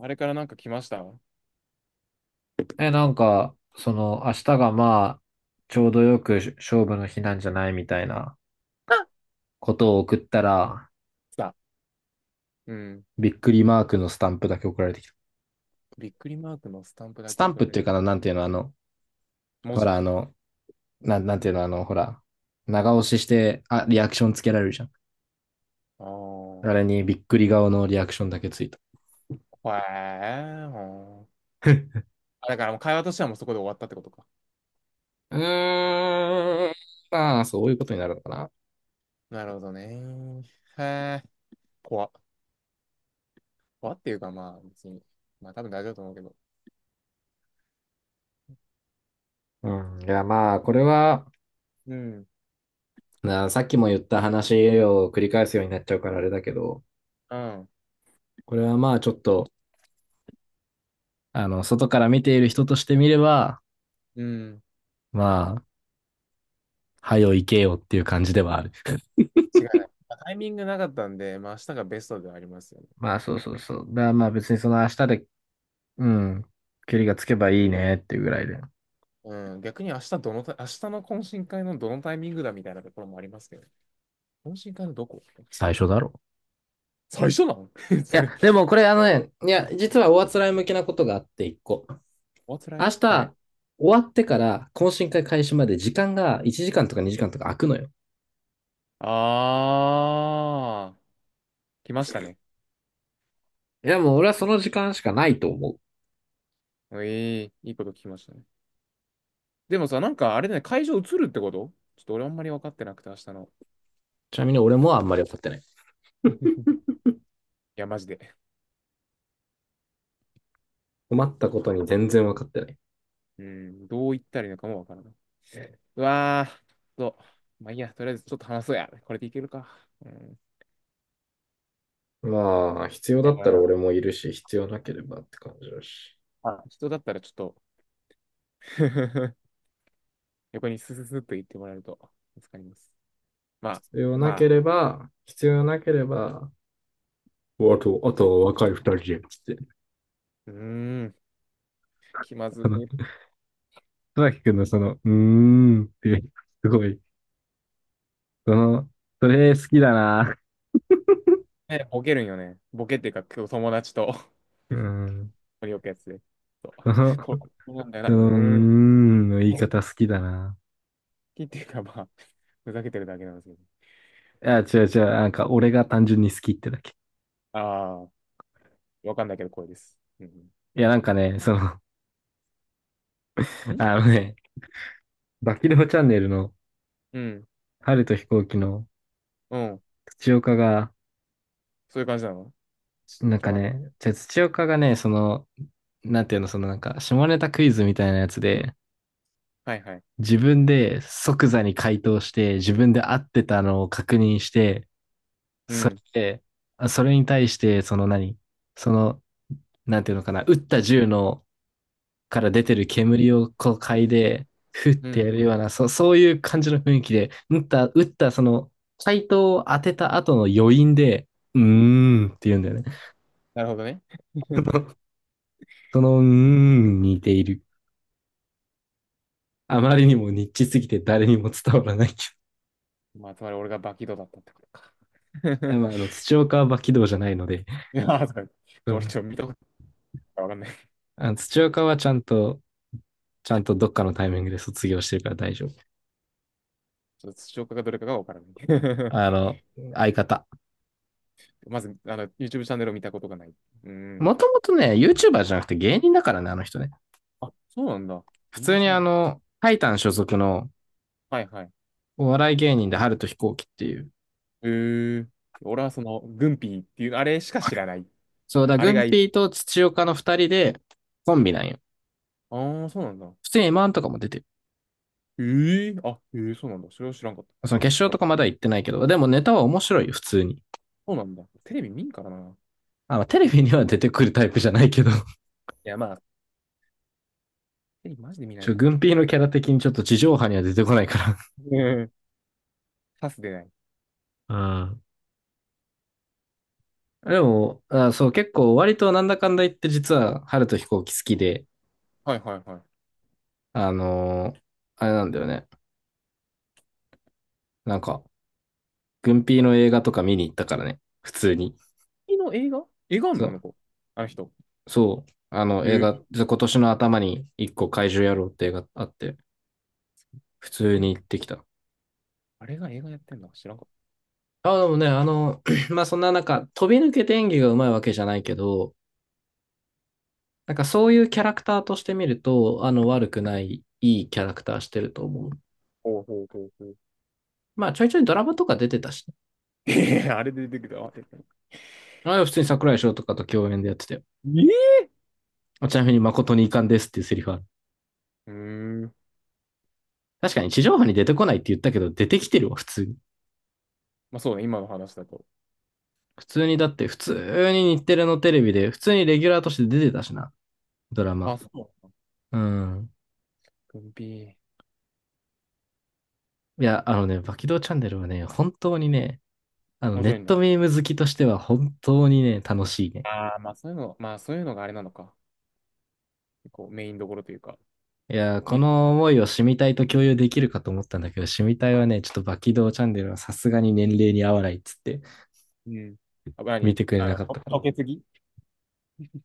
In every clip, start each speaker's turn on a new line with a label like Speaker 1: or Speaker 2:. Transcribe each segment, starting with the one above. Speaker 1: あれからなんか来ましたあ。
Speaker 2: え、なんか、その、明日がまあ、ちょうどよく勝負の日なんじゃないみたいなことを送ったら、
Speaker 1: 来た。うん。
Speaker 2: びっくりマークのスタンプだけ送られてきた。
Speaker 1: びっくりマークのスタンプだ
Speaker 2: ス
Speaker 1: け
Speaker 2: タン
Speaker 1: 送
Speaker 2: プ
Speaker 1: ら
Speaker 2: っ
Speaker 1: れ
Speaker 2: て
Speaker 1: る。
Speaker 2: いうかな、なんていうの、あの、
Speaker 1: 文
Speaker 2: ほ
Speaker 1: 字。
Speaker 2: ら、あの、なん、なんていうの、あの、ほら、長押しして、あ、リアクションつけられるじゃん。
Speaker 1: ああ、
Speaker 2: あ
Speaker 1: ほ
Speaker 2: れにびっくり顔のリアクションだけついた。
Speaker 1: えー、ほー、あだからもう会話としてはもうそこで終わったってことか。
Speaker 2: うーん、まあ、そういうことになるのかな。
Speaker 1: なるほどね。へえ、怖っ。怖っていうかまあ別に。まあ多分大丈夫だと思うけど。
Speaker 2: うん、いや、まあ、これは、
Speaker 1: うん。
Speaker 2: なさっきも言った話を繰り返すようになっちゃうからあれだけど、
Speaker 1: うん。
Speaker 2: これはまあ、ちょっと、あの、外から見ている人として見れば、
Speaker 1: うん。
Speaker 2: まあ、はよ行けよっていう感じではある。
Speaker 1: 違いない。まあタイミングなかったんで、まあ明日がベストではありますよね。
Speaker 2: まあ、そうそうそう。だからまあ別にその明日で、うん、距離がつけばいいねっていうぐらいで。
Speaker 1: うん。逆に明日どのタイ、明日の懇親会のどのタイミングだみたいなところもありますけど。懇親会のどこ。
Speaker 2: 最初だろ。
Speaker 1: 最初なの？
Speaker 2: いや、でもこれあのね、いや、実はおあつらい向きなことがあって一個。
Speaker 1: What's
Speaker 2: 明
Speaker 1: は
Speaker 2: 日、
Speaker 1: い。
Speaker 2: 終わってから懇親会開始まで時間が1時間とか2時間とか空くのよ。
Speaker 1: あー、来ましたね。
Speaker 2: いや、もう俺はその時間しかないと思う。
Speaker 1: ええいいこと聞きましたね。でもさ、なんかあれだね、会場移るってことちょっと俺あんまり分かってなくて、明日の。
Speaker 2: ちなみに俺もあんまり分かってない。
Speaker 1: いや、マジで。
Speaker 2: 困ったことに全然分かってない。
Speaker 1: うん、どう言ったらいいのかも分からない。うわー、と、まあいいや、とりあえずちょっと話そうや。これでいけるか。うん。
Speaker 2: まあ、必要だ
Speaker 1: や
Speaker 2: っ
Speaker 1: ばい
Speaker 2: たら
Speaker 1: な。
Speaker 2: 俺もいるし、必要なければって感じだし。
Speaker 1: あ、人だったらちょっと 横にスススッと言ってもらえると助かります。まあ、まあ、
Speaker 2: 必要なければ、おあと、あとは若い二人で、つって。
Speaker 1: うーん、気まず
Speaker 2: あの、
Speaker 1: い。
Speaker 2: 戸崎くんのその、うーんっていう、すごい、その、それ好きだな。
Speaker 1: えボケるんよね。ボケっていうか、今日友達と
Speaker 2: うん、
Speaker 1: よくやつで。そう、
Speaker 2: その、
Speaker 1: これ、こうなんだよな。
Speaker 2: うー
Speaker 1: うーん。
Speaker 2: んの言い
Speaker 1: 本
Speaker 2: 方好きだな。
Speaker 1: 気っていうか、まあ、ふざけてるだけなんですけど。
Speaker 2: いや、違う違う。なんか、俺が単純に好きってだけ。
Speaker 1: ああ、わかんないけど、声です。うん。
Speaker 2: いや、なんかね、その、あ
Speaker 1: ん、
Speaker 2: のね、バキローチャンネルの、
Speaker 1: うん。
Speaker 2: 春と飛行機の、
Speaker 1: うん。
Speaker 2: 土岡が、
Speaker 1: そういう感じなの？
Speaker 2: なん
Speaker 1: ちょ、
Speaker 2: か
Speaker 1: わかんな
Speaker 2: ね、
Speaker 1: い。
Speaker 2: じゃあ土岡がね、その、なんていうの、そのなんか、下ネタクイズみたいなやつで、
Speaker 1: はいはい。
Speaker 2: 自分で即座に回答して、自分で合ってたのを確認して、
Speaker 1: う
Speaker 2: それ
Speaker 1: ん。
Speaker 2: で、あそれに対して、その何その、なんていうのかな、撃った銃のから出てる煙をこう嗅いで、ふっ
Speaker 1: う
Speaker 2: てや
Speaker 1: ん。
Speaker 2: るような、そういう感じの雰囲気で、撃った、撃った、その、回答を当てた後の余韻で、うーんって言うんだよね。
Speaker 1: なるほどね。
Speaker 2: その「うーん」に似ている。あまりにもニッチすぎて誰にも伝わらないけ
Speaker 1: まあ、つまり俺がバキドだったってことか。
Speaker 2: ど。いや、まあ、あの、土岡は馬起動じゃないので。
Speaker 1: いやー、そう
Speaker 2: う
Speaker 1: ちょ、俺
Speaker 2: ん。
Speaker 1: ちょ、見たことないからわかんない。
Speaker 2: あの土岡はちゃんとどっかのタイミングで卒業してるから大丈夫。
Speaker 1: ちょっと、視聴かどれかがわからない。
Speaker 2: あの、相方。
Speaker 1: まず、あの、YouTube チャンネルを見たことがない。うん。
Speaker 2: もともとね、YouTuber じゃなくて芸人だからね、あの人ね。
Speaker 1: あ、そうなんだ。
Speaker 2: 普
Speaker 1: 全
Speaker 2: 通
Speaker 1: 然
Speaker 2: に
Speaker 1: 知ら
Speaker 2: あ
Speaker 1: ん。
Speaker 2: の、タイタン所属の
Speaker 1: はいはい。
Speaker 2: お笑い芸人で春と飛行機っていう。
Speaker 1: えー、俺はその、軍品っていう、あれしか知らない。
Speaker 2: そうだ、
Speaker 1: あ
Speaker 2: グ
Speaker 1: れが
Speaker 2: ン
Speaker 1: いい。
Speaker 2: ピーと土岡の二人でコンビなんよ。
Speaker 1: ああ、そうなんだ。
Speaker 2: 普通に m ンとかも出てる。
Speaker 1: えー、あ、えー、そうなんだ。それは知らんかった。
Speaker 2: その決勝と
Speaker 1: 俺、
Speaker 2: かまだ行ってないけど、でもネタは面白いよ、普通に。
Speaker 1: そうなんだ。テレビ見んからな。
Speaker 2: あの、テレ
Speaker 1: い
Speaker 2: ビには出てくるタイプじゃないけど。
Speaker 1: や、まあ、テレビマジで見な
Speaker 2: ち
Speaker 1: い
Speaker 2: ょ、
Speaker 1: から
Speaker 2: 軍艇のキャラ的にちょっと地上波には出てこないか
Speaker 1: な。うん。パスでない。
Speaker 2: ら うん。ら。でも、あそう、結構割となんだかんだ言って実は、春と飛行機好きで、
Speaker 1: はいはいは
Speaker 2: あのーあれなんだよね。なんか、軍艇の映画とか見に行ったからね。普通に。
Speaker 1: い。の映画。映画あん
Speaker 2: そ
Speaker 1: のあの
Speaker 2: う、
Speaker 1: 子。あの人。
Speaker 2: そう。あの
Speaker 1: え
Speaker 2: 映
Speaker 1: ー、
Speaker 2: 画、今年の頭に一個怪獣野郎って映画あって、普通
Speaker 1: あれ、
Speaker 2: に行ってきた。
Speaker 1: あれが映画やってんの知らんかっ
Speaker 2: あ、でもね、あの、まあそんな中、飛び抜けて演技がうまいわけじゃないけど、なんかそういうキャラクターとして見ると、あの悪くない、いいキャラクターしてると思う。
Speaker 1: た。ほうほうほうほう。
Speaker 2: まあちょいちょいドラマとか出てたし、ね、
Speaker 1: えー、あれで出てきた。あ、出てきた。
Speaker 2: ああ普通に
Speaker 1: もう、
Speaker 2: 桜井翔とかと共演でやってたよ。
Speaker 1: えー、
Speaker 2: ちなみに誠に遺憾ですっていうセリフある。
Speaker 1: うーん。
Speaker 2: 確かに地上波に出てこないって言ったけど、出てきてるわ、普通に。
Speaker 1: まあそうね、今の話だと。
Speaker 2: 普通にだって、普通に日テレのテレビで、普通にレギュラーとして出てたしな、ドラマ。
Speaker 1: あ、そう。
Speaker 2: うん。
Speaker 1: 軍ー、
Speaker 2: いや、あのね、バキドーチャンネルはね、本当にね、あの、
Speaker 1: 面
Speaker 2: ネ
Speaker 1: 白い
Speaker 2: ッ
Speaker 1: んだ。
Speaker 2: トミーム好きとしては本当にね、楽しいね。
Speaker 1: ああ、まあそういうの、まあそういうのがあれなのか。こう、メインどころというか。
Speaker 2: いやー、こ
Speaker 1: み、
Speaker 2: の思いをシミたいと共有できるかと思ったんだけど、シミたいはね、ちょっとバキドーチャンネルはさすがに年齢に合わないっつって
Speaker 1: うん。あ、
Speaker 2: 見
Speaker 1: 何
Speaker 2: てくれ
Speaker 1: あ
Speaker 2: な
Speaker 1: の、
Speaker 2: かった
Speaker 1: と、
Speaker 2: から。
Speaker 1: とけすぎ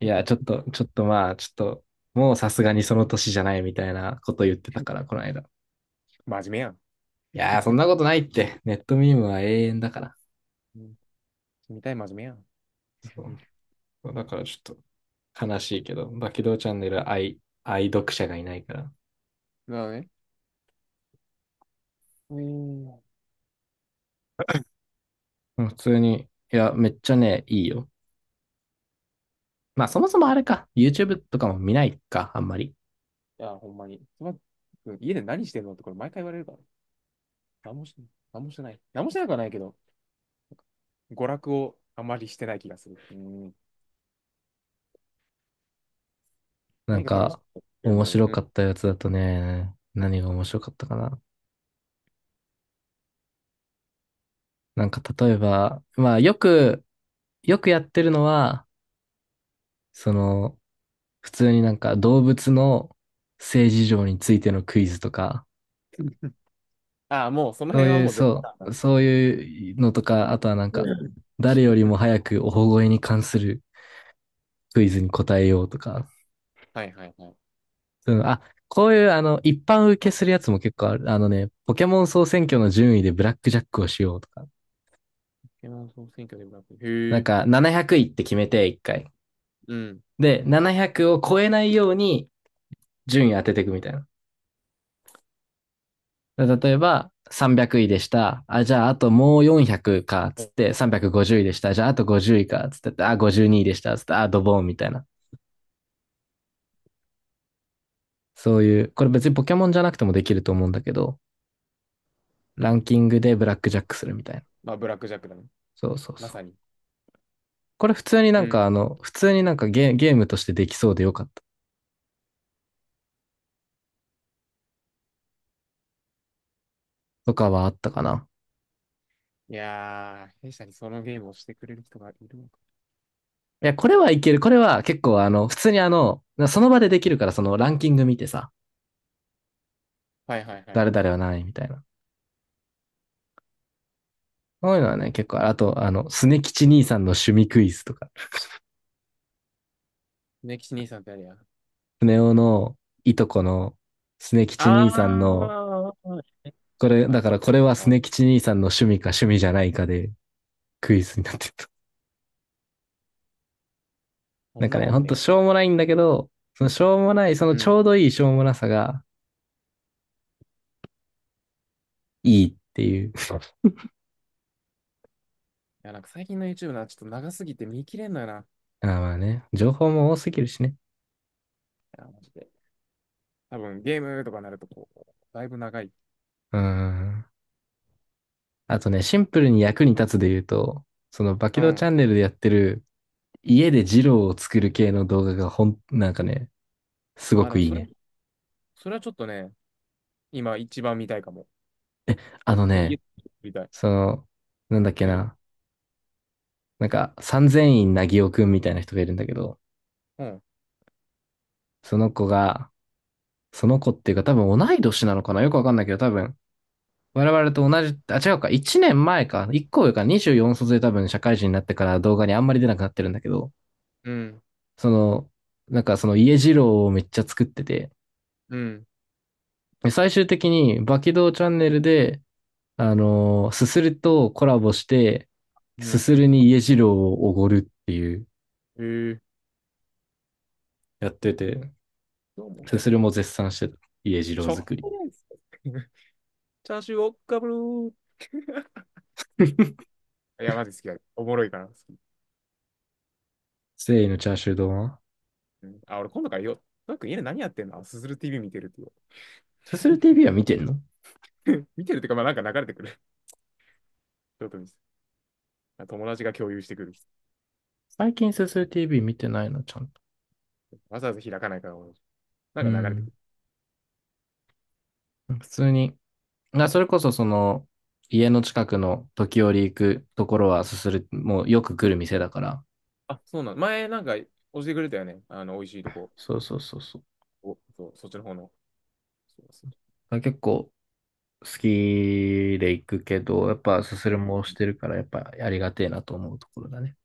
Speaker 2: いやー、ちょっ と、ちょっとまあ、ちょっと、もうさすがにその年じゃないみたいなこと言ってたから、この間。い
Speaker 1: 真面目やん。
Speaker 2: やー、そんなことないって。ネットミームは永遠だから。
Speaker 1: うん、見たい、真面目やん。
Speaker 2: そ う。だからちょっと悲しいけど、バキドーチャンネル愛、愛読者がいないから。
Speaker 1: なるほどね。えー、
Speaker 2: うん。普通に、いや、めっちゃね、いいよ。まあ、そもそもあれか。YouTube とかも見ないか、あんまり。
Speaker 1: いや、ほんまに。つばくん家で何してんのってこれ毎回言われるから。何もして、何もしてない。何もしてなくはないけど、娯楽をあまりしてない気がする。うん。
Speaker 2: なん
Speaker 1: 何が楽しく
Speaker 2: か、
Speaker 1: やってるん
Speaker 2: 面
Speaker 1: だろ
Speaker 2: 白
Speaker 1: う。う
Speaker 2: か
Speaker 1: ん。
Speaker 2: ったやつだとね、何が面白かったかな。なんか、例えば、よくやってるのは、その、普通になんか動物の性事情についてのクイズとか、
Speaker 1: ああ、もうその
Speaker 2: そう
Speaker 1: 辺は
Speaker 2: いう、
Speaker 1: もう絶対
Speaker 2: そう、
Speaker 1: だ。
Speaker 2: そういうのとか、あとはなん
Speaker 1: う
Speaker 2: か、
Speaker 1: ん、
Speaker 2: 誰よりも早くお保護に関するクイズに答えようとか、
Speaker 1: はいはいはい。ポ
Speaker 2: そういうのあ、こういうあの、一般受けするやつも結構ある。あのね、ポケモン総選挙の順位でブラックジャックをしようとか。
Speaker 1: ケモン総選挙でもなく。
Speaker 2: な
Speaker 1: へ
Speaker 2: ん
Speaker 1: え。
Speaker 2: か700位って決めて1回。
Speaker 1: うん。
Speaker 2: で、700を超えないように順位当てていくみたいな。例えば、300位でした。あ、じゃあ、あともう400か、つって、350位でした。じゃあ、あと50位か、つって、あ、52位でした。つって、あ、ドボンみたいな。そういう、これ別にポケモンじゃなくてもできると思うんだけど、ランキングでブラックジャックするみたいな。
Speaker 1: まあ、ブラックジャックだね。
Speaker 2: そうそう
Speaker 1: ま
Speaker 2: そう。
Speaker 1: さに。
Speaker 2: これ普通にな
Speaker 1: う
Speaker 2: んか
Speaker 1: ん。
Speaker 2: あの、普通にゲームとしてできそうでよかったとかはあったかな。
Speaker 1: いやー、弊社にそのゲームをしてくれる人がいるのか。
Speaker 2: いや、これはいける。これは結構あの、普通にあの、その場でできるからそのランキング見てさ、
Speaker 1: はいはいはい。
Speaker 2: 誰々は何位みたいな。そういうのはね、結構、あと、あの、スネ吉兄さんの趣味クイズとか、
Speaker 1: ネキシ兄さんってあれや。
Speaker 2: スネ夫のいとこのスネ吉
Speaker 1: あ
Speaker 2: 兄さんの、
Speaker 1: ー、は
Speaker 2: これ、
Speaker 1: いは
Speaker 2: だ
Speaker 1: い。
Speaker 2: からこれはス
Speaker 1: あら、
Speaker 2: ネ吉兄さんの趣味か趣味じゃないかでクイズになってると。
Speaker 1: こ
Speaker 2: なん
Speaker 1: ん
Speaker 2: か
Speaker 1: な
Speaker 2: ね、
Speaker 1: んお
Speaker 2: ほ
Speaker 1: ん
Speaker 2: ん
Speaker 1: ね
Speaker 2: とし
Speaker 1: や。
Speaker 2: ょうもないんだけど、そのしょうもない、その
Speaker 1: う
Speaker 2: ち
Speaker 1: ん。い
Speaker 2: ょうどいいしょうもなさがいいっていう。
Speaker 1: や、なんか最近の YouTube な、ちょっと長すぎて見切れんのよな。い
Speaker 2: あーまあね、情報も多すぎるしね。
Speaker 1: や、マジで。多分ゲームとかなると、こう、だいぶ長い。
Speaker 2: うーん。あとね、シンプルに役に立つで言うと、そのバキ
Speaker 1: う
Speaker 2: ドーチ
Speaker 1: ん。
Speaker 2: ャンネルでやってる家でジローを作る系の動画がほん、なんかね、すご
Speaker 1: あ、
Speaker 2: く
Speaker 1: の
Speaker 2: いい
Speaker 1: それ、
Speaker 2: ね。
Speaker 1: それはちょっとね、今一番見たいかも。
Speaker 2: あ
Speaker 1: 俺、
Speaker 2: の
Speaker 1: 家
Speaker 2: ね、
Speaker 1: で見たい。
Speaker 2: その、なんだっけ
Speaker 1: ジロ、
Speaker 2: な、なんか三千院なぎおくんみたいな人がいるんだけど、
Speaker 1: うん。
Speaker 2: その子が、その子っていうか多分同い年なのかなよくわかんないけど多分、我々と同じ、あ、違うか、1年前か、1個上か、24卒で多分社会人になってから動画にあんまり出なくなってるんだけど、
Speaker 1: うん。
Speaker 2: その、その家二郎をめっちゃ作ってて、
Speaker 1: うん。
Speaker 2: で最終的に、バキドーチャンネルで、すするとコラボして、
Speaker 1: う
Speaker 2: す
Speaker 1: ん。
Speaker 2: するに家次郎をおごるっていう
Speaker 1: えー。
Speaker 2: やってて、
Speaker 1: どうも、
Speaker 2: すす
Speaker 1: そう。
Speaker 2: るも絶賛してた。家次
Speaker 1: し
Speaker 2: 郎
Speaker 1: ょっ
Speaker 2: 作り。
Speaker 1: がないですか。チャーシューをかぶるー。いや、マジ好きだ。おもろいから好き。
Speaker 2: 誠意のチャーシュー丼は
Speaker 1: うん、あ、俺今度からよ。トラ君家で何やってんのすずる TV 見てるって
Speaker 2: すする TV は見てんの
Speaker 1: 言う 見てるってうか、まあなんか流れてくる。ちょっと見せ、友達が共有してくる。
Speaker 2: 最近すする TV 見てないの、ちゃんと。
Speaker 1: わざわざ開かないから、な
Speaker 2: う
Speaker 1: んか流れてく
Speaker 2: ん。
Speaker 1: る。
Speaker 2: 普通に。あ、それこそその、家の近くの時折行くところはすする、もうよく来る店だから。
Speaker 1: あ、そうなの。前なんか教えてくれたよね。あの、美味しいとこ。
Speaker 2: そうそうそうそう。
Speaker 1: おそう、そっちの方の。そうそう、
Speaker 2: あ結構、好きで行くけど、やっぱすす
Speaker 1: ね、
Speaker 2: るもしてるから、やっぱありがてえなと思うところだね。